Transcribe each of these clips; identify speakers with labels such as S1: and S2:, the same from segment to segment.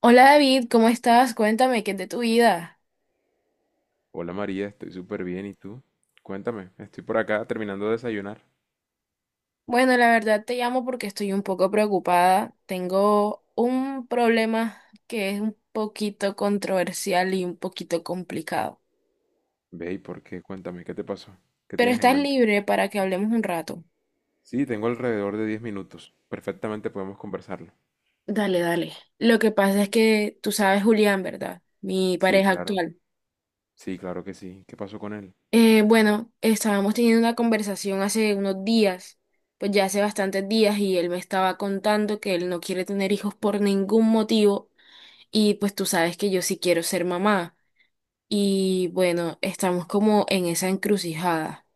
S1: Hola David, ¿cómo estás? Cuéntame, ¿qué es de tu vida?
S2: Hola María, estoy súper bien. ¿Y tú? Cuéntame, estoy por acá terminando de desayunar.
S1: Bueno, la verdad te llamo porque estoy un poco preocupada. Tengo un problema que es un poquito controversial y un poquito complicado.
S2: Ve, ¿y por qué? Cuéntame, ¿qué te pasó? ¿Qué
S1: Pero
S2: tienes en
S1: estás
S2: mente?
S1: libre para que hablemos un rato.
S2: Sí, tengo alrededor de 10 minutos. Perfectamente podemos conversarlo.
S1: Dale, dale. Lo que pasa es que tú sabes Julián, ¿verdad? Mi
S2: Sí,
S1: pareja
S2: claro.
S1: actual.
S2: Sí, claro que sí. ¿Qué pasó con él?
S1: Bueno, estábamos teniendo una conversación hace unos días, pues ya hace bastantes días, y él me estaba contando que él no quiere tener hijos por ningún motivo. Y pues tú sabes que yo sí quiero ser mamá. Y bueno, estamos como en esa encrucijada.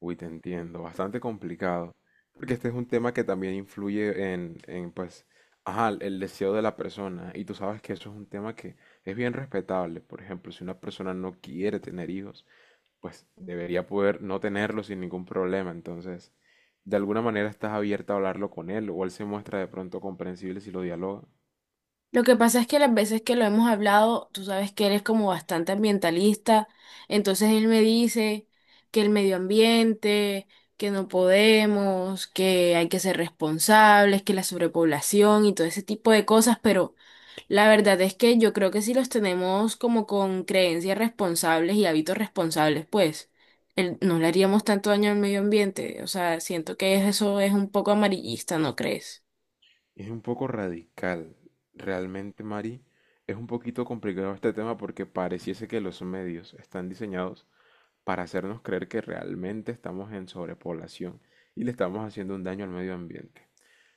S2: Uy, te entiendo. Bastante complicado. Porque este es un tema que también influye en, pues, ajá, el deseo de la persona. Y tú sabes que eso es un tema que es bien respetable. Por ejemplo, si una persona no quiere tener hijos, pues debería poder no tenerlo sin ningún problema. Entonces, de alguna manera estás abierta a hablarlo con él o él se muestra de pronto comprensible si lo dialoga.
S1: Lo que pasa es que las veces que lo hemos hablado, tú sabes que él es como bastante ambientalista. Entonces él me dice que el medio ambiente, que no podemos, que hay que ser responsables, que la sobrepoblación y todo ese tipo de cosas, pero La verdad es que yo creo que si los tenemos como con creencias responsables y hábitos responsables, pues no le haríamos tanto daño al medio ambiente. O sea, siento que eso es un poco amarillista, ¿no crees?
S2: Es un poco radical. Realmente, Mari, es un poquito complicado este tema porque pareciese que los medios están diseñados para hacernos creer que realmente estamos en sobrepoblación y le estamos haciendo un daño al medio ambiente.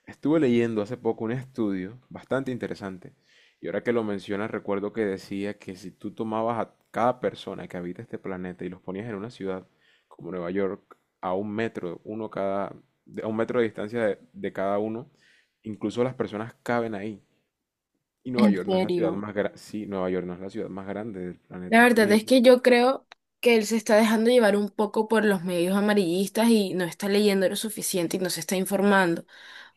S2: Estuve leyendo hace poco un estudio bastante interesante y ahora que lo mencionas recuerdo que decía que si tú tomabas a cada persona que habita este planeta y los ponías en una ciudad como Nueva York a un metro, uno cada, a un metro de distancia de cada uno, incluso las personas caben ahí. Y Nueva
S1: En
S2: York no es la ciudad
S1: serio.
S2: más grande, sí, Nueva York no es la ciudad más grande del
S1: La
S2: planeta.
S1: verdad
S2: Ni
S1: es que yo creo que él se está dejando llevar un poco por los medios amarillistas y no está leyendo lo suficiente y no se está informando.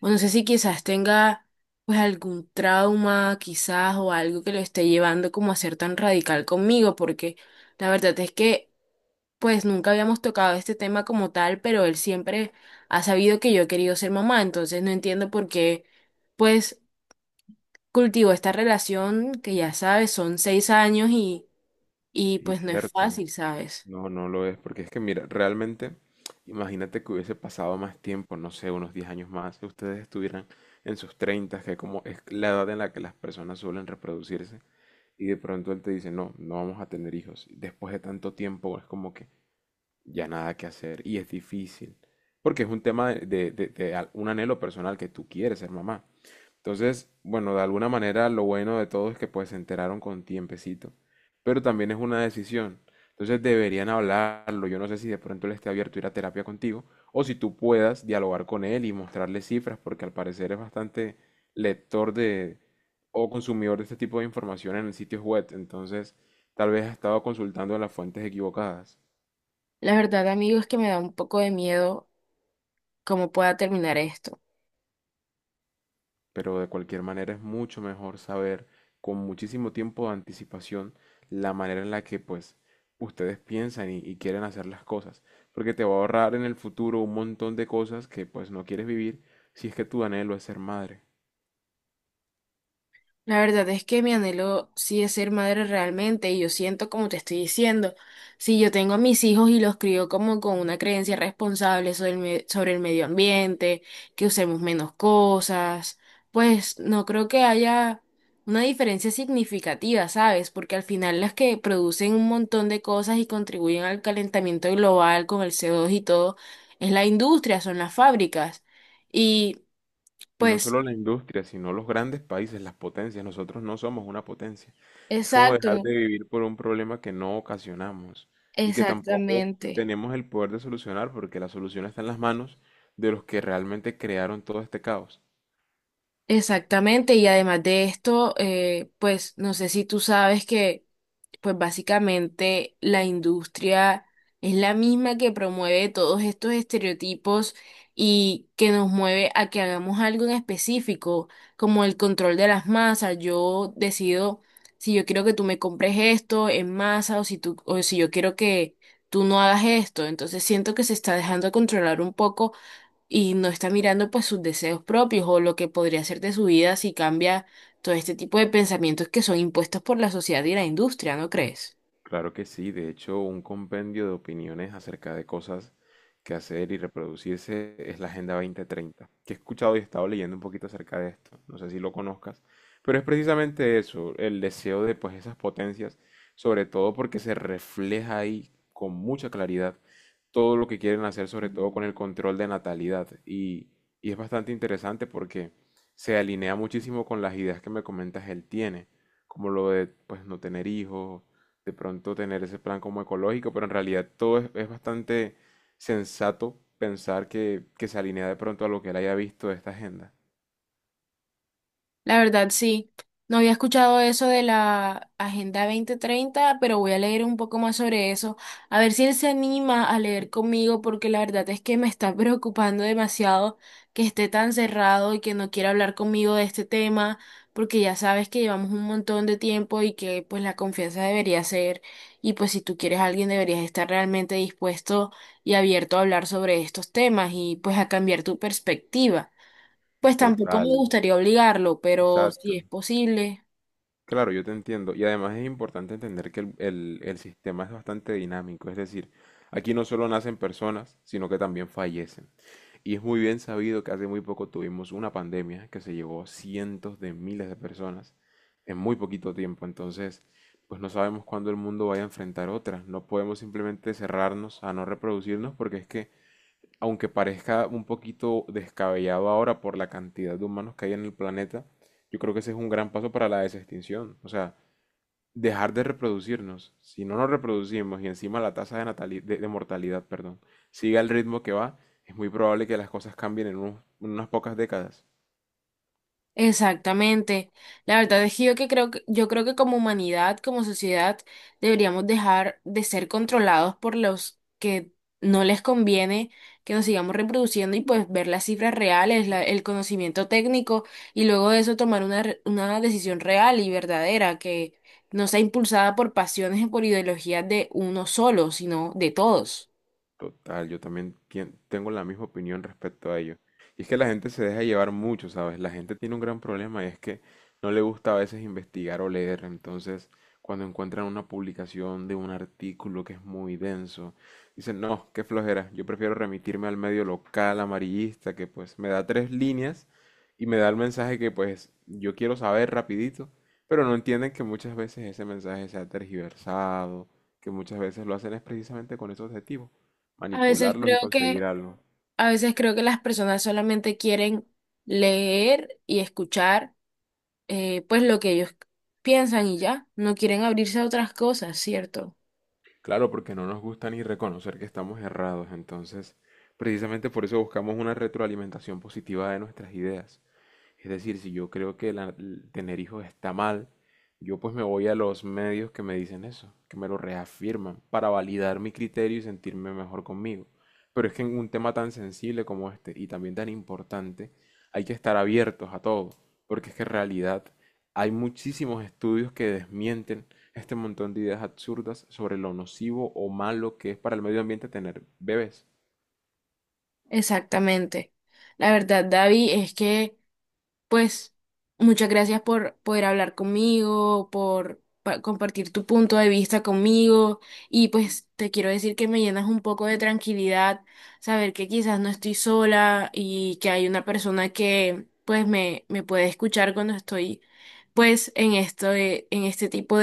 S1: O no sé si quizás tenga pues algún trauma, quizás, o algo que lo esté llevando como a ser tan radical conmigo, porque la verdad es que pues nunca habíamos tocado este tema como tal, pero él siempre ha sabido que yo he querido ser mamá, entonces no entiendo por qué pues cultivo esta relación que ya sabes, son 6 años y
S2: y
S1: pues no es
S2: cierto,
S1: fácil, ¿sabes?
S2: no, no lo es, porque es que mira, realmente, imagínate que hubiese pasado más tiempo, no sé, unos 10 años más, que ustedes estuvieran en sus 30, que como es la edad en la que las personas suelen reproducirse, y de pronto él te dice, no, no vamos a tener hijos. Y después de tanto tiempo es como que ya nada que hacer, y es difícil, porque es un tema de un anhelo personal que tú quieres ser mamá, entonces, bueno, de alguna manera lo bueno de todo es que pues se enteraron con tiempecito, pero también es una decisión. Entonces deberían hablarlo. Yo no sé si de pronto él esté abierto a ir a terapia contigo o si tú puedas dialogar con él y mostrarle cifras, porque al parecer es bastante lector de o consumidor de este tipo de información en sitios web. Entonces, tal vez ha estado consultando las fuentes equivocadas.
S1: La verdad, amigo, es que me da un poco de miedo cómo pueda terminar esto.
S2: Pero de cualquier manera es mucho mejor saber con muchísimo tiempo de anticipación la manera en la que pues ustedes piensan y quieren hacer las cosas, porque te va a ahorrar en el futuro un montón de cosas que pues no quieres vivir si es que tu anhelo es ser madre.
S1: La verdad es que mi anhelo sí es ser madre realmente y yo siento como te estoy diciendo, si yo tengo a mis hijos y los crío como con una creencia responsable sobre el medio ambiente, que usemos menos cosas, pues no creo que haya una diferencia significativa, ¿sabes? Porque al final las que producen un montón de cosas y contribuyen al calentamiento global con el co dos y todo, es la industria, son las fábricas. Y
S2: Y no
S1: pues,
S2: solo la industria, sino los grandes países, las potencias. Nosotros no somos una potencia. Es como dejar
S1: exacto,
S2: de vivir por un problema que no ocasionamos y que tampoco
S1: exactamente.
S2: tenemos el poder de solucionar porque la solución está en las manos de los que realmente crearon todo este caos.
S1: Exactamente, y además de esto, pues no sé si tú sabes que, pues básicamente la industria es la misma que promueve todos estos estereotipos y que nos mueve a que hagamos algo en específico, como el control de las masas. Yo decido si yo quiero que tú me compres esto en masa o si tú, o si yo quiero que tú no hagas esto. Entonces siento que se está dejando controlar un poco y no está mirando pues sus deseos propios o lo que podría ser de su vida si cambia todo este tipo de pensamientos que son impuestos por la sociedad y la industria, ¿no crees?
S2: Claro que sí, de hecho, un compendio de opiniones acerca de cosas que hacer y reproducirse es la Agenda 2030, que he escuchado y he estado leyendo un poquito acerca de esto, no sé si lo conozcas, pero es precisamente eso, el deseo de pues esas potencias, sobre todo porque se refleja ahí con mucha claridad todo lo que quieren hacer, sobre todo con el control de natalidad, y es bastante interesante porque se alinea muchísimo con las ideas que me comentas él tiene, como lo de pues no tener hijos, de pronto tener ese plan como ecológico, pero en realidad todo es bastante sensato pensar que se alinea de pronto a lo que él haya visto de esta agenda.
S1: La verdad, sí. No había escuchado eso de la Agenda 2030, pero voy a leer un poco más sobre eso. A ver si él se anima a leer conmigo, porque la verdad es que me está preocupando demasiado que esté tan cerrado y que no quiera hablar conmigo de este tema, porque ya sabes que llevamos un montón de tiempo y que pues la confianza debería ser, y pues si tú quieres a alguien deberías estar realmente dispuesto y abierto a hablar sobre estos temas y pues a cambiar tu perspectiva. Pues tampoco me
S2: Total,
S1: gustaría obligarlo, pero si
S2: exacto.
S1: es posible.
S2: Claro, yo te entiendo. Y además es importante entender que el sistema es bastante dinámico. Es decir, aquí no solo nacen personas, sino que también fallecen. Y es muy bien sabido que hace muy poco tuvimos una pandemia que se llevó a cientos de miles de personas en muy poquito tiempo. Entonces, pues no sabemos cuándo el mundo vaya a enfrentar otra. No podemos simplemente cerrarnos a no reproducirnos porque es que, aunque parezca un poquito descabellado ahora por la cantidad de humanos que hay en el planeta, yo creo que ese es un gran paso para la desextinción. O sea, dejar de reproducirnos. Si no nos reproducimos y encima la tasa de mortalidad, perdón, sigue al ritmo que va, es muy probable que las cosas cambien en unas pocas décadas.
S1: Exactamente. La verdad es que yo creo que como humanidad, como sociedad, deberíamos dejar de ser controlados por los que no les conviene que nos sigamos reproduciendo y pues ver las cifras reales, el conocimiento técnico y luego de eso tomar una decisión real y verdadera que no sea impulsada por pasiones y por ideologías de uno solo, sino de todos.
S2: Total, yo también tengo la misma opinión respecto a ello. Y es que la gente se deja llevar mucho, ¿sabes? La gente tiene un gran problema y es que no le gusta a veces investigar o leer. Entonces, cuando encuentran una publicación de un artículo que es muy denso, dicen, no, qué flojera, yo prefiero remitirme al medio local amarillista que pues me da tres líneas y me da el mensaje que pues yo quiero saber rapidito, pero no entienden que muchas veces ese mensaje se ha tergiversado, que muchas veces lo hacen es precisamente con ese objetivo
S1: A veces
S2: manipularlos y
S1: creo
S2: conseguir
S1: que
S2: algo.
S1: A veces creo que las personas solamente quieren leer y escuchar pues lo que ellos piensan y ya, no quieren abrirse a otras cosas, ¿cierto?
S2: Claro, porque no nos gusta ni reconocer que estamos errados, entonces precisamente por eso buscamos una retroalimentación positiva de nuestras ideas. Es decir, si yo creo que el tener hijos está mal, yo pues me voy a los medios que me dicen eso, que me lo reafirman, para validar mi criterio y sentirme mejor conmigo. Pero es que en un tema tan sensible como este y también tan importante, hay que estar abiertos a todo, porque es que en realidad hay muchísimos estudios que desmienten este montón de ideas absurdas sobre lo nocivo o malo que es para el medio ambiente tener bebés.
S1: Exactamente. La verdad, David, es que pues muchas gracias por poder hablar conmigo, por compartir tu punto de vista conmigo y pues te quiero decir que me llenas un poco de tranquilidad saber que quizás no estoy sola y que hay una persona que pues me puede escuchar cuando estoy pues en esto, en este tipo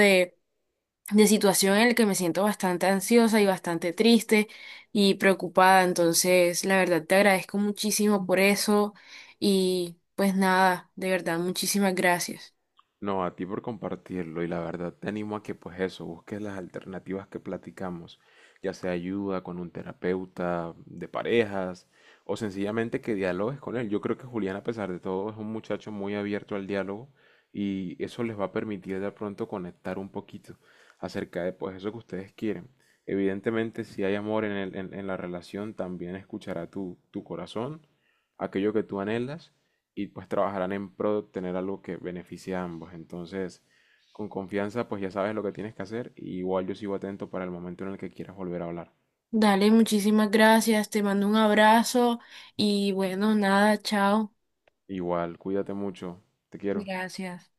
S1: de situación en la que me siento bastante ansiosa y bastante triste y preocupada. Entonces, la verdad, te agradezco muchísimo por eso y pues nada, de verdad, muchísimas gracias.
S2: No, a ti por compartirlo y la verdad te animo a que pues eso, busques las alternativas que platicamos, ya sea ayuda con un terapeuta de parejas o sencillamente que dialogues con él. Yo creo que Julián a pesar de todo es un muchacho muy abierto al diálogo y eso les va a permitir de pronto conectar un poquito acerca de pues eso que ustedes quieren. Evidentemente si hay amor en en la relación también escuchará tu corazón, aquello que tú anhelas y pues trabajarán en pro de obtener algo que beneficie a ambos. Entonces, con confianza, pues ya sabes lo que tienes que hacer. Y igual yo sigo atento para el momento en el que quieras volver a hablar.
S1: Dale, muchísimas gracias, te mando un abrazo y bueno, nada, chao.
S2: Igual, cuídate mucho. Te quiero.
S1: Gracias.